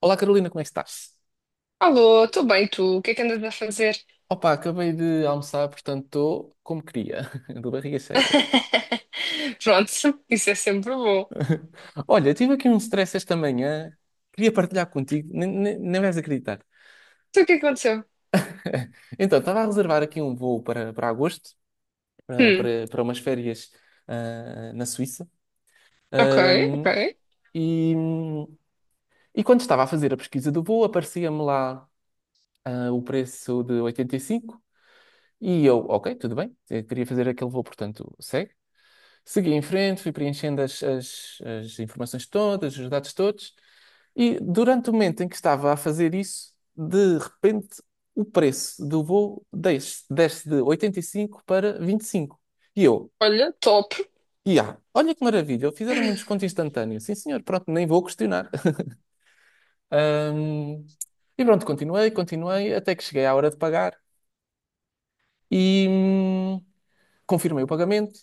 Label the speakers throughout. Speaker 1: Olá, Carolina, como é que estás?
Speaker 2: Alô, estou bem, tu? O que é que andas a fazer?
Speaker 1: Opa, acabei de almoçar, portanto estou como queria, de barriga cheia.
Speaker 2: Pronto, isso é sempre bom.
Speaker 1: Olha, tive aqui um stress esta manhã, queria partilhar contigo, nem vais acreditar.
Speaker 2: Então, o que é que aconteceu?
Speaker 1: Então, estava a reservar aqui um voo para agosto, para,
Speaker 2: Hum,
Speaker 1: para, para umas férias na Suíça.
Speaker 2: ok, ok.
Speaker 1: Ahm, e, e quando estava a fazer a pesquisa do voo, aparecia-me lá o preço de 85 e cinco, e eu, ok, tudo bem, eu queria fazer aquele voo, portanto, segui em frente, fui preenchendo as informações todas, os dados todos, e durante o momento em que estava a fazer isso, de repente o preço do voo desce, desce de 85 para 25. E eu,
Speaker 2: Olha, top.
Speaker 1: olha que maravilha, fizeram-me um desconto instantâneo. Sim, senhor, pronto, nem vou questionar. Ahm, e pronto, continuei até que cheguei à hora de pagar e confirmei o pagamento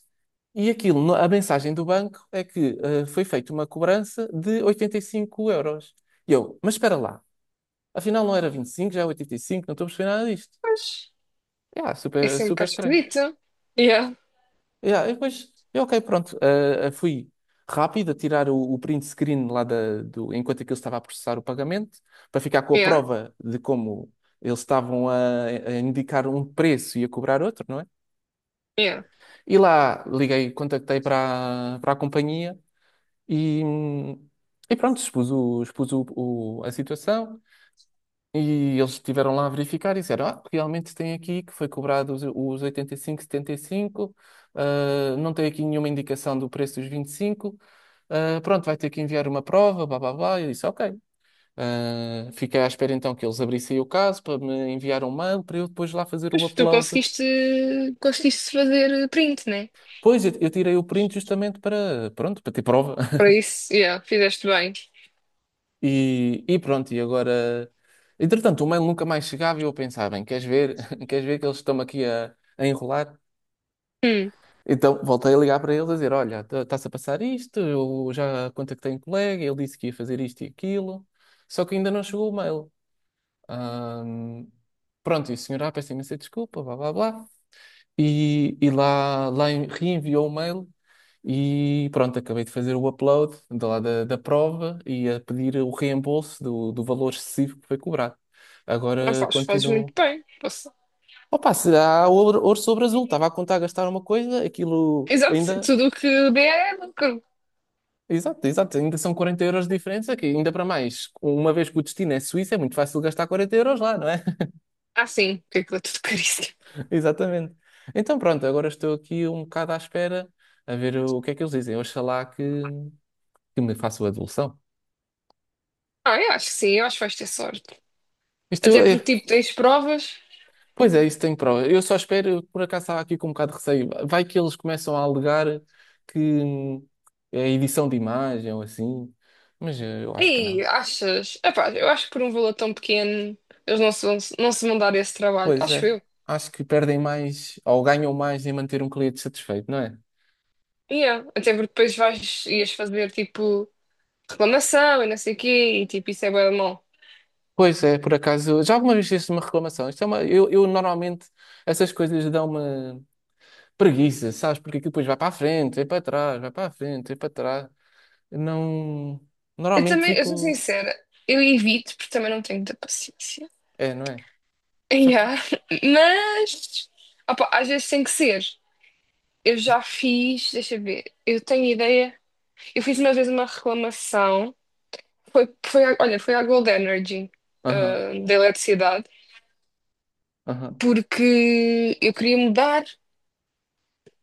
Speaker 1: e aquilo, a mensagem do banco é que foi feita uma cobrança de 85 euros. E eu, mas espera lá, afinal não era 25, já é 85, não estou a perceber nada disto.
Speaker 2: Mas isso
Speaker 1: Yeah,
Speaker 2: é
Speaker 1: super,
Speaker 2: sempre um
Speaker 1: super
Speaker 2: bocado
Speaker 1: estranho.
Speaker 2: esquisito. Yeah,
Speaker 1: Yeah, e depois, eu, ok, pronto, fui rápido a tirar o print screen lá enquanto aquilo estava a processar o pagamento, para ficar com a
Speaker 2: yeah,
Speaker 1: prova de como eles estavam a indicar um preço e a cobrar outro, não é?
Speaker 2: yeah.
Speaker 1: E lá liguei, contactei para a companhia. E, e pronto, expus a situação e eles estiveram lá a verificar e disseram: ah, realmente tem aqui que foi cobrado os 85, 75, ah, não tem aqui nenhuma indicação do preço dos 25, ah, pronto, vai ter que enviar uma prova, blá blá blá. E eu disse: ok. Ah, fiquei à espera então que eles abrissem o caso para me enviar um mail para eu depois lá fazer o
Speaker 2: Mas tu
Speaker 1: upload.
Speaker 2: conseguiste, conseguiste fazer print, né?
Speaker 1: Pois, eu tirei o print justamente para, pronto, para ter prova.
Speaker 2: Para isso, yeah, fizeste bem.
Speaker 1: E pronto, e agora. Entretanto, o mail nunca mais chegava e eu pensava, bem, queres ver? Queres ver que eles estão aqui a enrolar?
Speaker 2: Hum,
Speaker 1: Então voltei a ligar para eles a dizer: olha, está-se a passar isto, eu já contactei um colega, ele disse que ia fazer isto e aquilo, só que ainda não chegou o mail. Ahm, pronto, e o senhor, ah, peço imensa desculpa, blá blá blá, e lá reenviou o mail, e pronto, acabei de fazer o upload da prova e a pedir o reembolso do valor excessivo que foi cobrado.
Speaker 2: ah,
Speaker 1: Agora
Speaker 2: fazes muito
Speaker 1: continuo.
Speaker 2: bem. Posso-
Speaker 1: Opa, se há ouro, ouro sobre azul, estava a contar gastar uma coisa, aquilo
Speaker 2: Exato,
Speaker 1: ainda.
Speaker 2: tudo o que der é lucro.
Speaker 1: Exato, exato, ainda são 40 euros de diferença, que ainda para mais, uma vez que o destino é Suíça, é muito fácil gastar 40 euros lá, não é?
Speaker 2: Ah, sim, porque aquilo é tudo caríssimo.
Speaker 1: Exatamente. Então pronto, agora estou aqui um bocado à espera a ver o que é que eles dizem. Oxalá que, me façam a devolução.
Speaker 2: Ah, eu acho que sim, eu acho que vais ter sorte.
Speaker 1: Isto
Speaker 2: Até porque,
Speaker 1: é,
Speaker 2: tipo, tens provas.
Speaker 1: pois é, isso tem prova. Eu só espero, por acaso estava aqui com um bocado de receio. Vai que eles começam a alegar que é edição de imagem ou assim, mas eu acho que não.
Speaker 2: Ei, achas? Epá, eu acho que por um valor tão pequeno eles não se vão dar esse trabalho.
Speaker 1: Pois
Speaker 2: Acho
Speaker 1: é,
Speaker 2: eu.
Speaker 1: acho que perdem mais ou ganham mais em manter um cliente satisfeito, não é?
Speaker 2: Yeah. Até porque depois vais, ias fazer tipo reclamação e não sei o quê e tipo isso é bué de mal.
Speaker 1: Pois é, por acaso, já alguma vez fizeste uma reclamação? Isto é uma, eu normalmente essas coisas dão uma preguiça, sabes? Porque aquilo depois vai para a frente, vai para trás, vai para a frente, vai para trás. Não,
Speaker 2: Eu
Speaker 1: normalmente
Speaker 2: também, eu sou
Speaker 1: fico.
Speaker 2: sincera, eu evito porque também não tenho muita paciência.
Speaker 1: É, não é? Só que.
Speaker 2: Yeah. Mas, opá, às vezes tem que ser. Eu já fiz, deixa eu ver, eu tenho ideia. Eu fiz uma vez uma reclamação, olha, foi à Gold Energy,
Speaker 1: Aham,
Speaker 2: ah, da eletricidade.
Speaker 1: aham,
Speaker 2: Porque eu queria mudar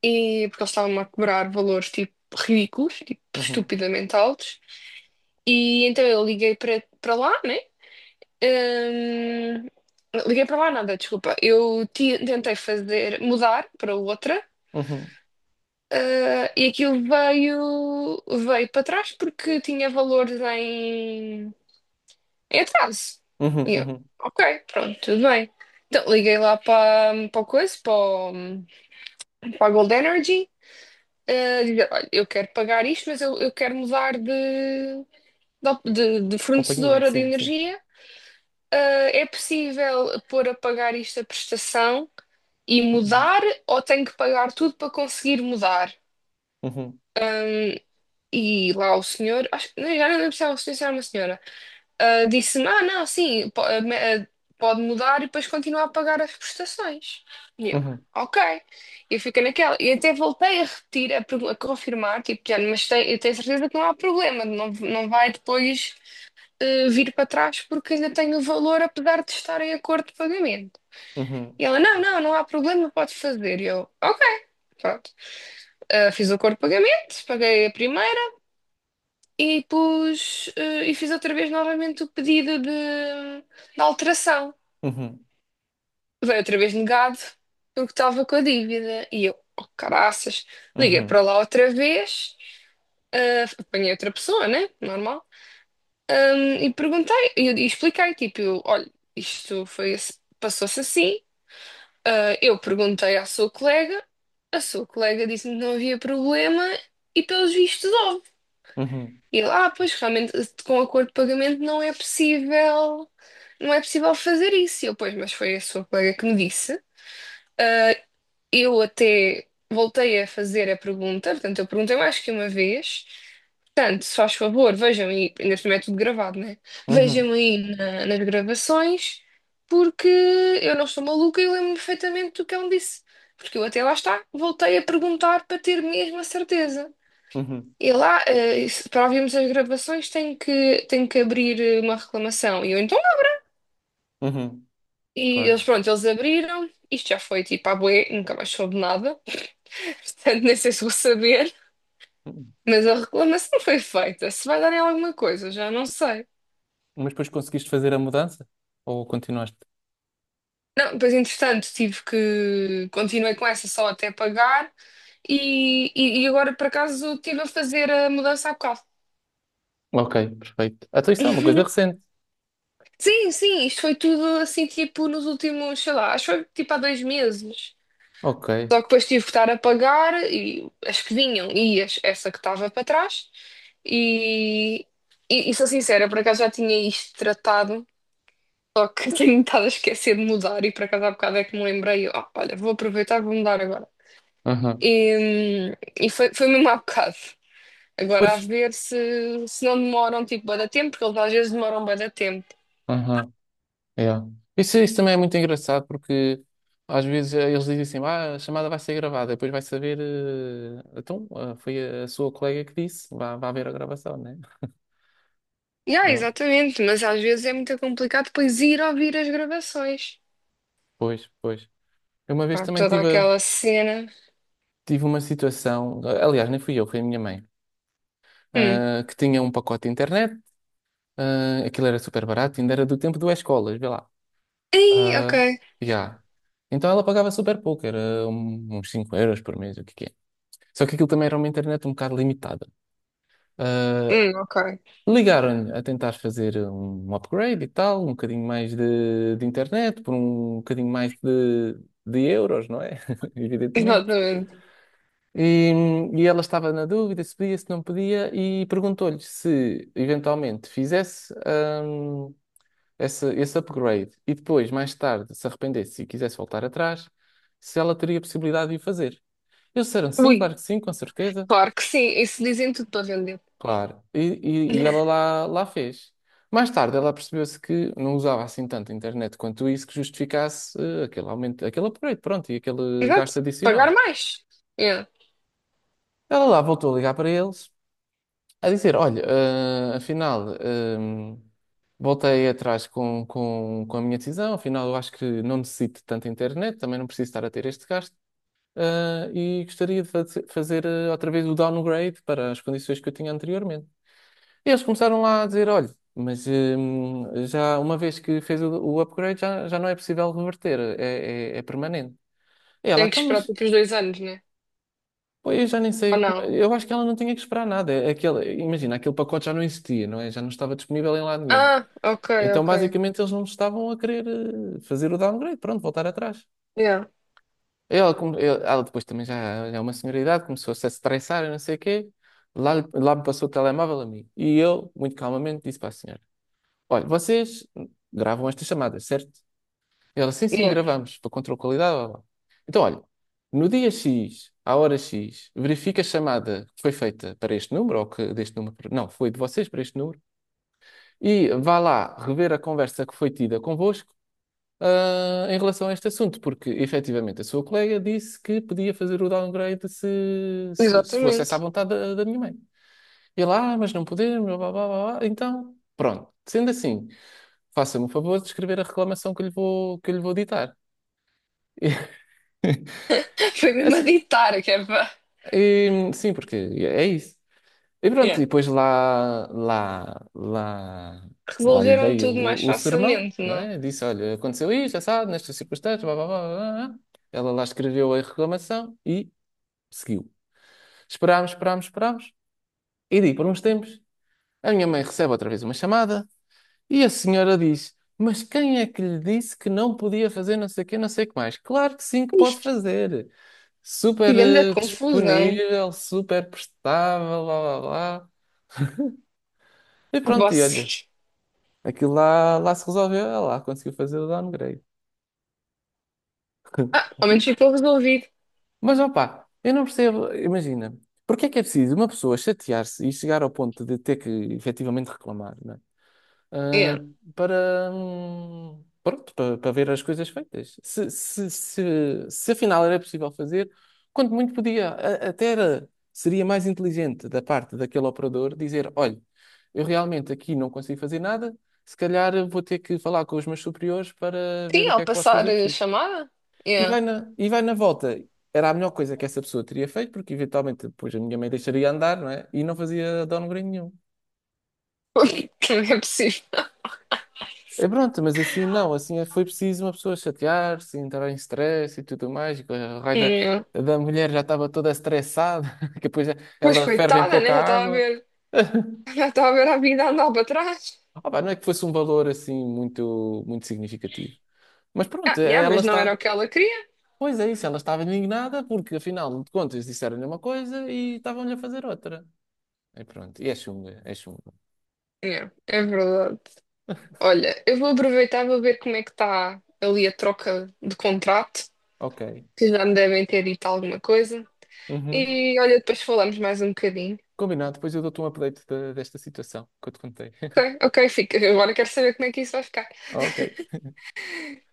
Speaker 2: e porque eles estavam a cobrar valores tipo ridículos, tipo
Speaker 1: uhum,
Speaker 2: estupidamente altos. E então eu liguei para lá, né? Hum, Liguei para lá nada, desculpa. Eu tentei fazer mudar para outra.
Speaker 1: uhum,
Speaker 2: Ah, e aquilo veio para trás porque tinha valores em, em atraso.
Speaker 1: uhum,
Speaker 2: E eu,
Speaker 1: uhum.
Speaker 2: ok, pronto, tudo bem. Então liguei lá para, para o coisa, para, o- para a Gold Energy eh, dizer, olha, eu quero pagar isto, mas eu quero mudar de
Speaker 1: Companhia,
Speaker 2: fornecedora de
Speaker 1: sim, sim.
Speaker 2: energia. Eh, é possível pôr a pagar isto a prestação e
Speaker 1: Uhum,
Speaker 2: mudar, ou tenho que pagar tudo para conseguir mudar?
Speaker 1: uhum,
Speaker 2: Ahm, e lá o senhor, acho, não, já não lembro se era o senhor, se era uma senhora, ah, disse-me: Ah, não, sim, pode mudar e depois continuar a pagar as prestações. E eu,
Speaker 1: uhum,
Speaker 2: ok. Eu fiquei naquela. E até voltei a repetir, a, a confirmar, tipo, já, mas eu tenho certeza que não há problema, não, não vai depois ah, vir para trás porque ainda tenho o valor, apesar de estar em acordo de pagamento.
Speaker 1: uhum,
Speaker 2: E ela: Não, não, não há problema, pode fazer. E eu, ok. Pronto. Ah, fiz o acordo de pagamento, paguei a primeira e pus, eh, e fiz outra vez novamente o pedido de alteração.
Speaker 1: uhum,
Speaker 2: Veio outra vez negado, porque estava com a dívida. E eu, oh, caraças, liguei
Speaker 1: uhum,
Speaker 2: para lá outra vez, eh, apanhei outra pessoa, né? Normal. E perguntei, e expliquei, tipo, eu, olha, isto foi, passou-se assim. Ah, eu perguntei à sua colega, a sua colega disse-me que não havia problema e pelos vistos.
Speaker 1: uhum,
Speaker 2: E eu, ah, pois realmente com acordo de pagamento não é possível, não é possível fazer isso. E eu, pois, mas foi a sua colega que me disse. Eu até voltei a fazer a pergunta, portanto, eu perguntei mais que uma vez. Portanto, se faz favor, vejam aí, ainda por cima é tudo gravado, né?
Speaker 1: uhum,
Speaker 2: Vejam aí nas gravações, porque eu não estou maluca e eu lembro-me perfeitamente do que ela me disse. Porque eu até lá está, voltei a perguntar para ter mesmo a certeza.
Speaker 1: uhum,
Speaker 2: E lá, eh, para ouvirmos as gravações, tenho que abrir eh, uma reclamação. E eu então, não.
Speaker 1: uhum.
Speaker 2: E eles,
Speaker 1: Claro.
Speaker 2: pronto, eles abriram. Isto já foi tipo à bué, nunca mais soube nada. Portanto, nem sei se vou saber.
Speaker 1: Uhum.
Speaker 2: Mas a reclamação foi feita. Se vai dar em alguma coisa, já não sei.
Speaker 1: Mas depois conseguiste fazer a mudança? Ou continuaste?
Speaker 2: Não, pois entretanto, tive que. Continuei com essa só até pagar. E, e agora, por acaso, estive a fazer a mudança há bocado.
Speaker 1: Ok, perfeito. Então isso é uma coisa recente.
Speaker 2: Sim, sim, isto foi tudo assim, tipo, nos últimos, sei lá, acho que foi tipo há 2 meses.
Speaker 1: Ok.
Speaker 2: Só que depois tive que estar a pagar e as que vinham e essa que estava para trás. E, e sou sincera, por acaso já tinha isto tratado, só que tenho estado a esquecer de mudar e por acaso há bocado é que me lembrei, ó, olha, vou aproveitar, e vou mudar agora.
Speaker 1: Aham.
Speaker 2: E, e foi, foi mesmo há bocado.
Speaker 1: Pois.
Speaker 2: Agora a ver se não demoram tipo bué da tempo, porque eles às vezes demoram bué da tempo.
Speaker 1: Aham. Yeah. Isso também é muito engraçado porque às vezes eles dizem assim, ah, a chamada vai ser gravada, depois vai saber, então, ah, foi a sua colega que disse, vá, vá ver a gravação, né?
Speaker 2: Yeah,
Speaker 1: Eu,
Speaker 2: exatamente, mas às vezes é muito complicado depois ir ouvir as gravações.
Speaker 1: pois, pois. Eu uma vez
Speaker 2: Há
Speaker 1: também
Speaker 2: toda
Speaker 1: tive,
Speaker 2: aquela cena.
Speaker 1: tive uma situação, ah, aliás, nem fui eu, foi a minha mãe,
Speaker 2: Hum.
Speaker 1: ah, que tinha um pacote de internet, ah, aquilo era super barato, ainda era do tempo do escolas, vê lá.
Speaker 2: Ei, ok.
Speaker 1: Ah, yeah. Então ela pagava super pouco, era uns 5 euros por mês, o que que é. Só que aquilo também era uma internet um bocado limitada. Eh,
Speaker 2: Ok.
Speaker 1: Ligaram-lhe a tentar fazer um upgrade e tal, um bocadinho mais de internet, por um bocadinho mais de euros, não é? Evidentemente.
Speaker 2: Exatamente.
Speaker 1: E, e ela estava na dúvida se podia, se não podia, e perguntou-lhe se eventualmente fizesse hum, esse upgrade e depois, mais tarde, se arrependesse e quisesse voltar atrás, se ela teria possibilidade de o fazer. Eles disseram sim,
Speaker 2: Ui,
Speaker 1: claro que sim, com certeza.
Speaker 2: claro que sim. Isso dizem tudo para vender.
Speaker 1: Claro. E ela lá fez. Mais tarde, ela percebeu-se que não usava assim tanto a internet quanto isso que justificasse aquele aumento, aquele upgrade, pronto, e aquele gasto
Speaker 2: Exato. Pagar
Speaker 1: adicional.
Speaker 2: mais. Yeah.
Speaker 1: Ela lá voltou a ligar para eles, a dizer: olha, afinal, voltei atrás com, com a minha decisão, afinal, eu acho que não necessito de tanta internet, também não preciso estar a ter este gasto, e gostaria de fazer outra vez o downgrade para as condições que eu tinha anteriormente. Eles começaram lá a dizer, olha, mas já uma vez que fez o upgrade, já, já não é possível reverter, é permanente. E ela,
Speaker 2: Tem que
Speaker 1: então,
Speaker 2: esperar
Speaker 1: mas
Speaker 2: tipo os 2 anos, né?
Speaker 1: pô, eu já nem sei
Speaker 2: Ou não?
Speaker 1: como. É, eu acho que ela não tinha que esperar nada. É aquele, imagina, aquele pacote já não existia, não é? Já não estava disponível em lado nenhum.
Speaker 2: Ah, ok,
Speaker 1: Então,
Speaker 2: ok.
Speaker 1: basicamente, eles não estavam a querer fazer o downgrade, pronto, voltar atrás.
Speaker 2: Yeah,
Speaker 1: Ela, ela depois também já, já é uma senhora de idade, começou-se a estressar e não sei o quê. Lá me passou o telemóvel a mim. E eu, muito calmamente, disse para a senhora: olha, vocês gravam estas chamadas, certo? Ela, sim, sim,
Speaker 2: yeah.
Speaker 1: gravamos, para controle de qualidade, blá, blá. Então, olha, no dia X, à hora X, verifica a chamada que foi feita para este número, ou que deste número, não, foi de vocês para este número, e vá lá rever a conversa que foi tida convosco, ah, em relação a este assunto, porque efetivamente a sua colega disse que podia fazer o downgrade se fosse essa a
Speaker 2: Exatamente.
Speaker 1: vontade da minha mãe. E ele, ah, mas não podemos, blá, blá, blá, blá, blá. Então, pronto. Sendo assim, faça-me o favor de escrever a reclamação que eu lhe vou, que eu lhe vou ditar.
Speaker 2: Foi
Speaker 1: E,
Speaker 2: mesmo a
Speaker 1: assim,
Speaker 2: ditar, que é para...
Speaker 1: e, sim, porque é isso. E pronto, e
Speaker 2: Yeah.
Speaker 1: depois lá lhe
Speaker 2: Resolveram
Speaker 1: dei
Speaker 2: tudo mais
Speaker 1: o sermão,
Speaker 2: facilmente,
Speaker 1: não
Speaker 2: não?
Speaker 1: é? Disse, olha, aconteceu isto, assado, nestas circunstâncias, blá, blá, blá, blá, blá. Ela lá escreveu a reclamação e seguiu. Esperámos, esperámos, esperámos. E daí, por uns tempos, a minha mãe recebe outra vez uma chamada. E a senhora diz: mas quem é que lhe disse que não podia fazer não sei o quê, não sei o que mais? Claro que sim, que pode
Speaker 2: Isto,
Speaker 1: fazer.
Speaker 2: que
Speaker 1: Super
Speaker 2: grande confusão.
Speaker 1: disponível, super prestável, blá blá blá. E pronto, e olha,
Speaker 2: Vocês.
Speaker 1: aquilo lá se resolveu, ela lá conseguiu fazer o downgrade.
Speaker 2: Ah, ao menos ficou resolvido.
Speaker 1: Mas opá, eu não percebo, imagina, porque é que é preciso uma pessoa chatear-se e chegar ao ponto de ter que efetivamente reclamar, não é? ah,
Speaker 2: Yeah.
Speaker 1: Para, pronto, para ver as coisas feitas. Se afinal era possível fazer, quanto muito podia, até era, seria mais inteligente da parte daquele operador dizer: olha, eu realmente aqui não consigo fazer nada, se calhar vou ter que falar com os meus superiores para ver
Speaker 2: Sim,
Speaker 1: o que
Speaker 2: ao
Speaker 1: é que posso
Speaker 2: passar
Speaker 1: fazer por
Speaker 2: a
Speaker 1: si.
Speaker 2: chamada? Yeah.
Speaker 1: E vai na volta. Era a melhor coisa que essa pessoa teria feito, porque eventualmente depois a minha mãe deixaria andar, não é? E não fazia downgrade nenhum.
Speaker 2: Não é possível.
Speaker 1: É pronto, mas assim não, assim é, foi preciso uma pessoa chatear-se, assim, entrar em stress e tudo mais, e que a raio
Speaker 2: Yeah.
Speaker 1: da mulher já estava toda estressada, que depois
Speaker 2: Pois
Speaker 1: ela ferve em
Speaker 2: coitada, né?
Speaker 1: pouca
Speaker 2: Já estava a
Speaker 1: água.
Speaker 2: ver, já estava a ver a vida a andar para trás.
Speaker 1: Opa, não é que fosse um valor assim muito, muito significativo. Mas
Speaker 2: Ah,
Speaker 1: pronto,
Speaker 2: yeah,
Speaker 1: ela
Speaker 2: mas não era
Speaker 1: está.
Speaker 2: o que ela queria.
Speaker 1: Pois é isso, ela estava indignada porque afinal de contas disseram-lhe uma coisa e estavam-lhe a fazer outra. E pronto, e é chunga, é chunga.
Speaker 2: Yeah, é verdade. Olha, eu vou aproveitar, e vou ver como é que está ali a troca de contrato,
Speaker 1: Ok.
Speaker 2: que já me devem ter dito alguma coisa.
Speaker 1: Uhum.
Speaker 2: E olha, depois falamos mais um bocadinho.
Speaker 1: Combinado, depois eu dou-te um update desta situação que eu te contei.
Speaker 2: Ok, ok, fica. Eu agora quero saber como é que isso vai ficar.
Speaker 1: Ok.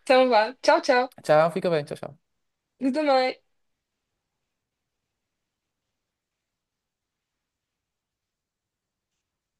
Speaker 2: Então vá. Tchau, tchau.
Speaker 1: Tchau, fica bem, tchau, tchau.
Speaker 2: Tu também.